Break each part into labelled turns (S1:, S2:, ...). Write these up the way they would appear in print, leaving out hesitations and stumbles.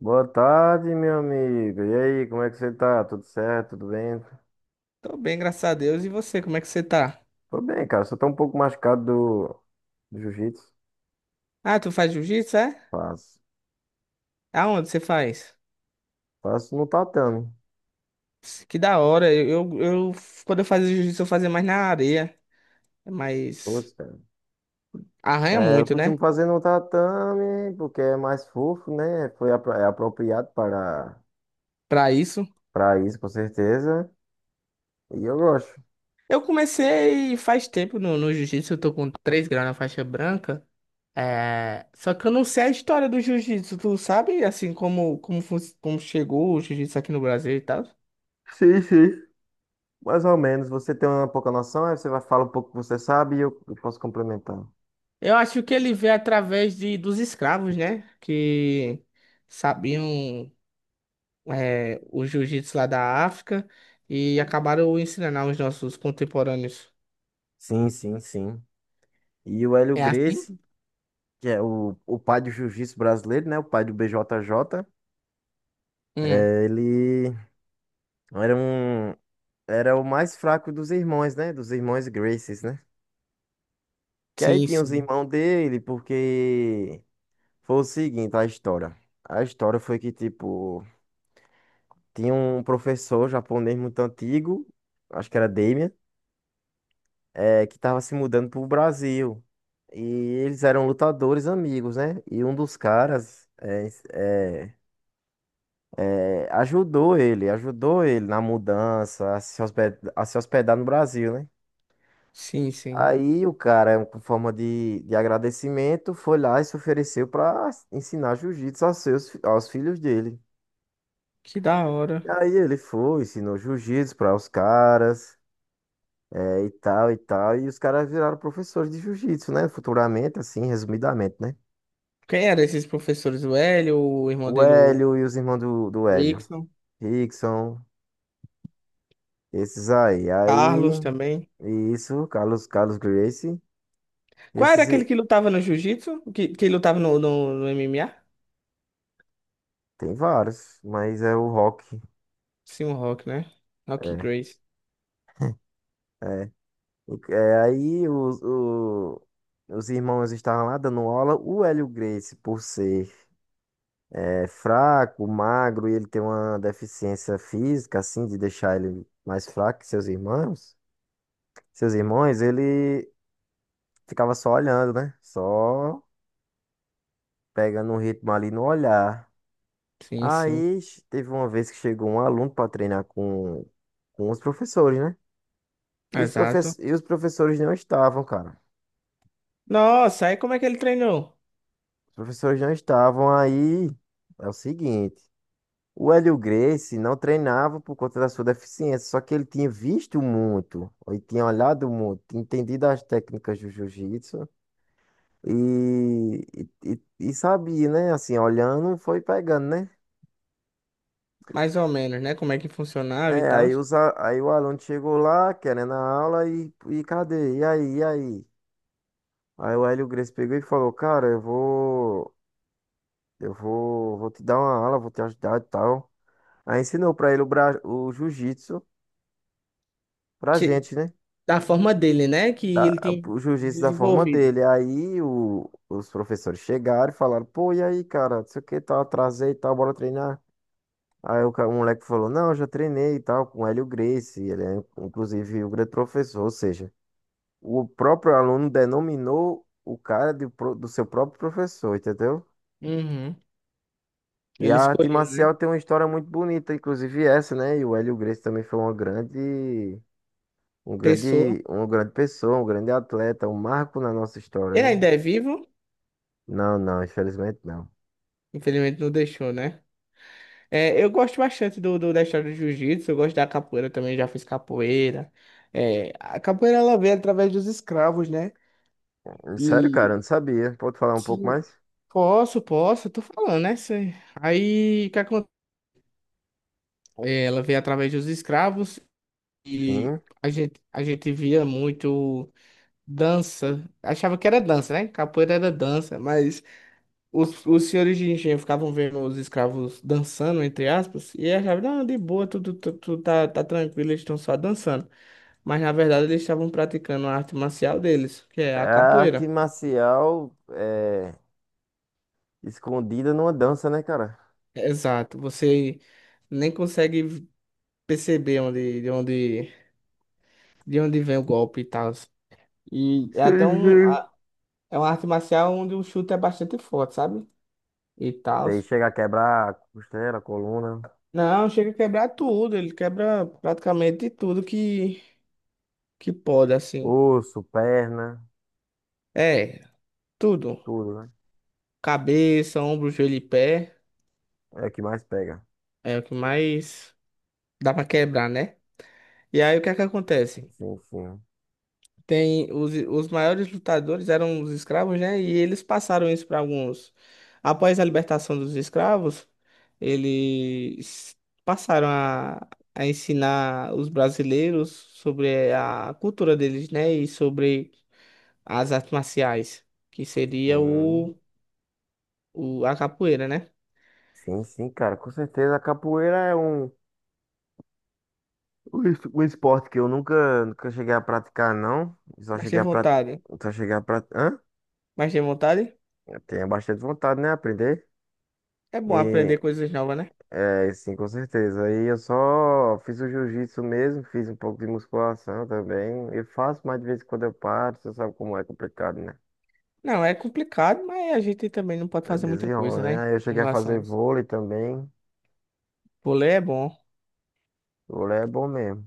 S1: Boa tarde, meu amigo. E aí, como é que você tá? Tudo certo? Tudo bem?
S2: Tô bem, graças a Deus. E você, como é que você tá?
S1: Tô bem, cara. Só tô um pouco machucado do jiu-jitsu.
S2: Ah, tu faz jiu-jitsu, é?
S1: Faço.
S2: Aonde você faz?
S1: Faço no tatame.
S2: Que da hora. Eu quando eu fazia jiu-jitsu, eu fazia mais na areia, mas
S1: Putz, cara.
S2: arranha
S1: É, eu
S2: muito, né?
S1: costumo fazer no tatame porque é mais fofo, né? É apropriado
S2: Pra isso.
S1: para isso, com certeza. E eu gosto.
S2: Eu comecei faz tempo no jiu-jitsu, eu tô com 3 graus na faixa branca. Só que eu não sei a história do jiu-jitsu, tu sabe, assim, como chegou o jiu-jitsu aqui no Brasil e tal?
S1: Sim, sim. Mais ou menos. Você tem uma pouca noção, aí você vai falar um pouco que você sabe e eu posso complementar.
S2: Eu acho que ele veio através dos escravos, né? Que sabiam. O jiu-jitsu lá da África e acabaram ensinando aos nossos contemporâneos.
S1: Sim, sim, sim. E o Hélio
S2: É assim?
S1: Gracie, que é o pai do jiu-jitsu brasileiro, né? O pai do BJJ.
S2: Hum,
S1: É, era um, era o mais fraco dos irmãos, né? Dos irmãos Gracies, né? Que aí
S2: sim,
S1: tinha os
S2: sim.
S1: irmãos dele, porque foi o seguinte, a história. A história foi que, tipo, tinha um professor japonês muito antigo, acho que era Damien, é, que tava se mudando pro Brasil. E eles eram lutadores amigos, né? E um dos caras é, é, ajudou ele na mudança, a se hospedar no Brasil, né?
S2: Sim, sim.
S1: Aí o cara, com forma de agradecimento, foi lá e se ofereceu para ensinar jiu-jitsu aos seus, aos filhos dele.
S2: Que da
S1: E
S2: hora.
S1: aí ele foi, ensinou jiu-jitsu para os caras, é, e tal, e tal. E os caras viraram professores de jiu-jitsu, né? Futuramente, assim, resumidamente, né?
S2: Quem eram esses professores? O Hélio, o irmão
S1: O
S2: dele, o
S1: Hélio e os irmãos do Hélio.
S2: Rickson,
S1: Rickson, esses aí.
S2: Carlos
S1: Aí,
S2: também.
S1: isso, Carlos Gracie.
S2: Qual era
S1: Esses,
S2: aquele que lutava no jiu-jitsu? Que lutava no MMA?
S1: tem vários, mas é o rock.
S2: Sim, o Rock, né? Rock Grace.
S1: É, é. O- é, aí os, o- os irmãos estavam lá dando aula. O Hélio Gracie, por ser é, fraco, magro, e ele tem uma deficiência física, assim, de deixar ele mais fraco que seus irmãos. Seus irmãos, ele ficava só olhando, né? Só pegando um ritmo ali no olhar.
S2: Sim, sim.
S1: Teve uma vez que chegou um aluno para treinar com os professores, né? E
S2: Exato.
S1: os professores não estavam, cara.
S2: Nossa, aí como é que ele treinou?
S1: Os professores não estavam aí. É o seguinte, o Hélio Gracie não treinava por conta da sua deficiência, só que ele tinha visto muito, ele tinha olhado muito, tinha entendido as técnicas do jiu-jitsu e, e sabia, né? Assim, olhando, foi pegando, né?
S2: Mais ou menos, né? Como é que funcionava e
S1: É,
S2: tal.
S1: aí o aluno chegou lá, querendo a aula, e cadê? E aí, e aí? Aí o Hélio Gracie pegou e falou, cara, eu vou, vou te dar uma aula, vou te ajudar e tal. Aí ensinou pra ele o, bra... o jiu-jitsu pra
S2: Que,
S1: gente, né?
S2: da forma dele, né? Que ele tem
S1: O jiu-jitsu da forma
S2: desenvolvido.
S1: dele. Aí os professores chegaram e falaram, pô, e aí, cara, não sei o que, tal, atrasei e tal, bora treinar. Aí o moleque falou, não, eu já treinei e tal, com o Hélio Gracie, ele é, inclusive, o grande professor, ou seja, o próprio aluno denominou o cara de do seu próprio professor, entendeu?
S2: Uhum.
S1: E
S2: Ele
S1: a arte
S2: escolheu, né?
S1: marcial tem uma história muito bonita, inclusive essa, né? E o Hélio Gracie também foi uma grande, um
S2: Pessoa.
S1: grande, uma grande pessoa, um grande atleta, um marco na nossa história,
S2: Ele
S1: né?
S2: ainda é vivo,
S1: Não, não, infelizmente não.
S2: infelizmente não deixou, né? É, eu gosto bastante da história do jiu-jitsu, eu gosto da capoeira também, já fiz capoeira. É, a capoeira ela veio através dos escravos, né?
S1: Sério, cara, eu
S2: E
S1: não sabia. Pode falar um pouco
S2: sim,
S1: mais?
S2: posso, tô falando, né? Cê- Aí, o que acontece? Ela veio através dos escravos e
S1: Sim.
S2: a gente via muito. Dança. Achava que era dança, né? Capoeira era dança, mas os senhores de engenho ficavam vendo os escravos dançando, entre aspas, e achavam, não, de boa, tudo tá, tá tranquilo, eles estão só dançando. Mas na verdade eles estavam praticando a arte marcial deles, que é
S1: É
S2: a
S1: a arte
S2: capoeira.
S1: marcial é escondida numa dança, né, cara?
S2: Exato. Você nem consegue perceber de onde vem o golpe e tal. E é até
S1: Sim, sim.
S2: é uma arte marcial onde o chute é bastante forte, sabe? E tal.
S1: Você chega a quebrar a costela, a coluna,
S2: Não, chega a quebrar tudo. Ele quebra praticamente tudo que pode, assim.
S1: osso, perna,
S2: É, tudo.
S1: tudo, né?
S2: Cabeça, ombro, joelho e pé.
S1: É o que mais pega.
S2: É o que mais dá pra quebrar, né? E aí o que é que acontece?
S1: Sim, sim,
S2: Tem os maiores lutadores eram os escravos, né? E eles passaram isso para alguns. Após a libertação dos escravos, eles passaram a ensinar os brasileiros sobre a cultura deles, né? E sobre as artes marciais, que seria
S1: sim.
S2: o a capoeira, né?
S1: Sim, sim, cara, com certeza. A capoeira é um, o, o esporte que eu nunca cheguei a praticar, não. Só
S2: Mas tem
S1: cheguei a praticar.
S2: vontade.
S1: Só cheguei a praticar. Hã?
S2: Mas tem vontade?
S1: Eu tenho bastante vontade, né? Aprender.
S2: É bom
S1: E
S2: aprender coisas novas, né?
S1: é, sim, com certeza. Aí eu só fiz o jiu-jitsu mesmo, fiz um pouco de musculação também. Eu faço, mas de vez em quando eu paro, você sabe como é complicado, né?
S2: Não, é complicado, mas a gente também não pode
S1: É
S2: fazer muita
S1: desenrola,
S2: coisa,
S1: né?
S2: né?
S1: Aí eu
S2: Em
S1: cheguei a
S2: relação a
S1: fazer
S2: isso.
S1: vôlei também.
S2: Vôlei é bom.
S1: Vôlei é bom mesmo.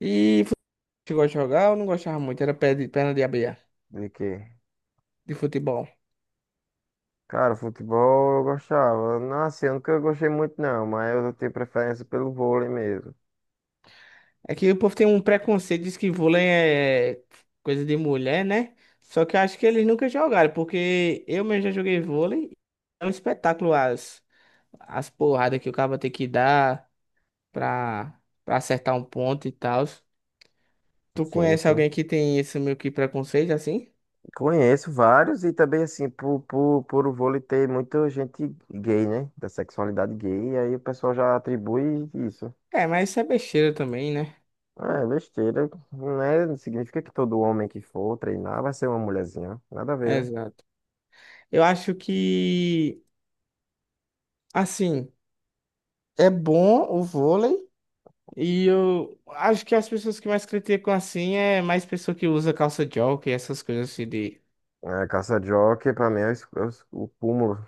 S2: E futebol chegou de jogar, eu não gostava muito, era pé de- perna de abelha
S1: De quê?
S2: de futebol.
S1: Cara, futebol eu gostava. Não, assim, eu nunca gostei muito, não, mas eu tenho preferência pelo vôlei mesmo.
S2: É que o povo tem um preconceito, diz que vôlei é coisa de mulher, né? Só que eu acho que eles nunca jogaram, porque eu mesmo já joguei vôlei. É um espetáculo as porradas que o cara tem que dar pra, pra acertar um ponto e tal. Tu
S1: Sim,
S2: conhece
S1: sim.
S2: alguém que tem esse meio que preconceito assim?
S1: Conheço vários e também assim, por o vôlei ter muita gente gay, né? Da sexualidade gay, e aí o pessoal já atribui isso.
S2: É, mas isso é besteira também, né?
S1: Ah, é besteira, não é? Não significa que todo homem que for treinar vai ser uma mulherzinha. Nada a ver, né?
S2: Exato. Eu acho que, assim, é bom o vôlei e eu acho que as pessoas que mais criticam assim é mais pessoa que usa calça jockey, essas coisas assim de...
S1: É, caça-jockey pra mim é, o, é o cúmulo.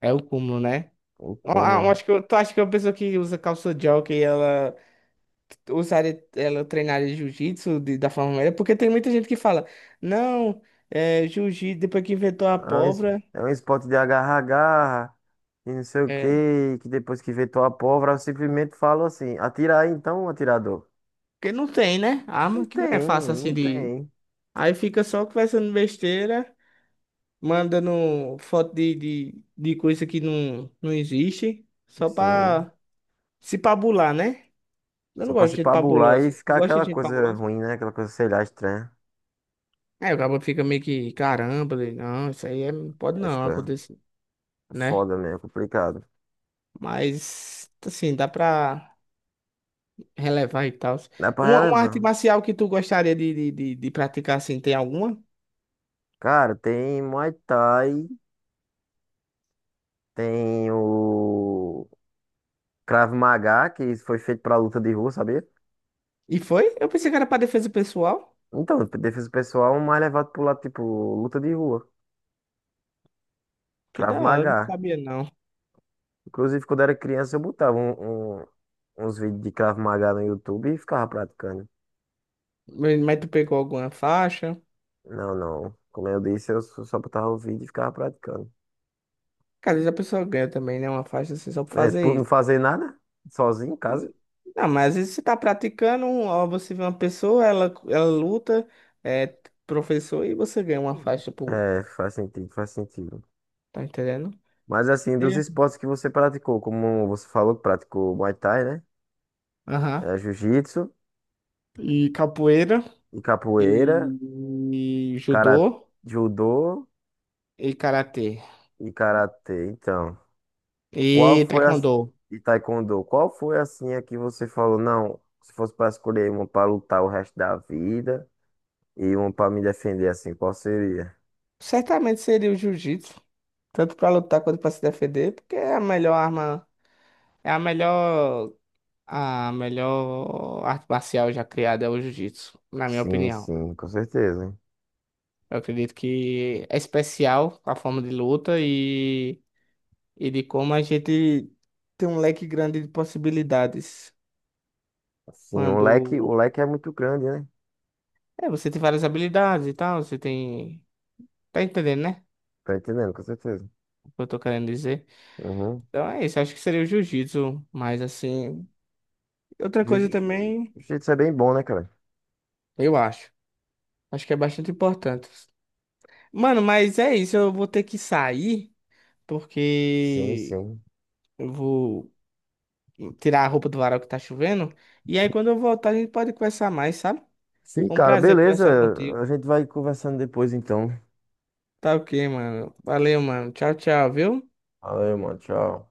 S2: É o cúmulo, né?
S1: O
S2: Eu
S1: cúmulo.
S2: acho que eu, tu acha que uma pessoa que usa calça jockey, ela usaria ela treinaria jiu-jitsu de- da forma melhor, porque tem muita gente que fala, não, é, jiu-jitsu, depois que inventou
S1: É
S2: a
S1: um, es-
S2: pólvora,
S1: é um esporte de agarra-agarra e não sei o
S2: é,
S1: quê, que depois que vê tua pólvora, eu simplesmente falo assim, atira aí então, atirador.
S2: porque não tem, né?
S1: Não
S2: Arma que não é
S1: tem,
S2: fácil assim
S1: não
S2: de.
S1: tem.
S2: Aí fica só conversando besteira, mandando foto de coisa que não, não existe, só
S1: Sim.
S2: pra se pabular, né? Eu não
S1: Só pra
S2: gosto
S1: se
S2: de gente
S1: pabular e
S2: pabulosa. Tu
S1: ficar
S2: gosta
S1: aquela
S2: de gente
S1: coisa
S2: pabulosa?
S1: ruim, né? Aquela coisa, sei lá, estranha.
S2: É, o cara fica meio que, caramba, ele, não, isso aí é, pode
S1: Aí
S2: não
S1: fica
S2: acontecer, né?
S1: foda mesmo, complicado.
S2: Mas, assim, dá pra relevar e tal.
S1: Dá pra
S2: Uma arte
S1: relevar.
S2: marcial que tu gostaria de praticar assim, tem alguma?
S1: Cara, tem Muay Thai, tem o Krav Maga, que foi feito pra luta de rua, sabia?
S2: E foi? Eu pensei que era pra defesa pessoal.
S1: Então, defesa pessoal, é um mais levado pro lado, tipo, luta de rua.
S2: Que
S1: Krav
S2: da hora, eu
S1: Maga.
S2: não sabia não.
S1: Inclusive, quando era criança, eu botava uns vídeos de Krav Maga no YouTube e ficava praticando.
S2: Mas tu pegou alguma faixa?
S1: Não, não. Como eu disse, eu só botava o vídeo e ficava praticando.
S2: Cara, às vezes a pessoa ganha também, né? Uma faixa assim, só pra
S1: Né,
S2: fazer
S1: por não
S2: isso.
S1: fazer nada, sozinho em casa.
S2: Não, mas às vezes você tá praticando, um, ó, você vê uma pessoa, ela luta, é professor, e você ganha uma faixa, pô.
S1: É, faz sentido, faz sentido.
S2: Tá entendendo?
S1: Mas assim, dos
S2: É.
S1: esportes que você praticou, como você falou que praticou Muay Thai, né?
S2: Aham.
S1: É, jiu-jitsu
S2: E capoeira,
S1: e
S2: e,
S1: capoeira,
S2: e
S1: cara,
S2: judô,
S1: judô
S2: e karatê.
S1: e karatê. Então,
S2: E
S1: qual foi a...
S2: taekwondo.
S1: E taekwondo. Qual foi assim a que você falou, não, se fosse para escolher uma para lutar o resto da vida e uma para me defender assim, qual seria?
S2: Certamente seria o jiu-jitsu, tanto para lutar quanto para se defender, porque é a melhor arma, é a melhor arte marcial já criada é o jiu-jitsu, na minha
S1: Sim,
S2: opinião.
S1: sim, com certeza.
S2: Eu acredito que é especial a forma de luta e de como a gente tem um leque grande de possibilidades.
S1: Sim,
S2: Quando
S1: o leque é muito grande, né?
S2: é, você tem várias habilidades e tal, você tem. Tá entendendo, né?
S1: Tá entendendo, com certeza.
S2: O que eu tô querendo dizer?
S1: Uhum.
S2: Então é isso, acho que seria o jiu-jitsu, mas assim. Outra
S1: Jiu-
S2: coisa também,
S1: Jiu-jitsu é bem bom, né, cara?
S2: eu acho. Acho que é bastante importante. Mano, mas é isso. Eu vou ter que sair,
S1: Sim,
S2: porque
S1: sim.
S2: eu vou tirar a roupa do varal que tá chovendo. E aí, quando eu voltar, a gente pode conversar mais, sabe?
S1: Sim,
S2: Foi um
S1: cara,
S2: prazer
S1: beleza.
S2: conversar contigo.
S1: A gente vai conversando depois, então.
S2: Tá ok, mano. Valeu, mano. Tchau, tchau, viu?
S1: Valeu, mano. Tchau.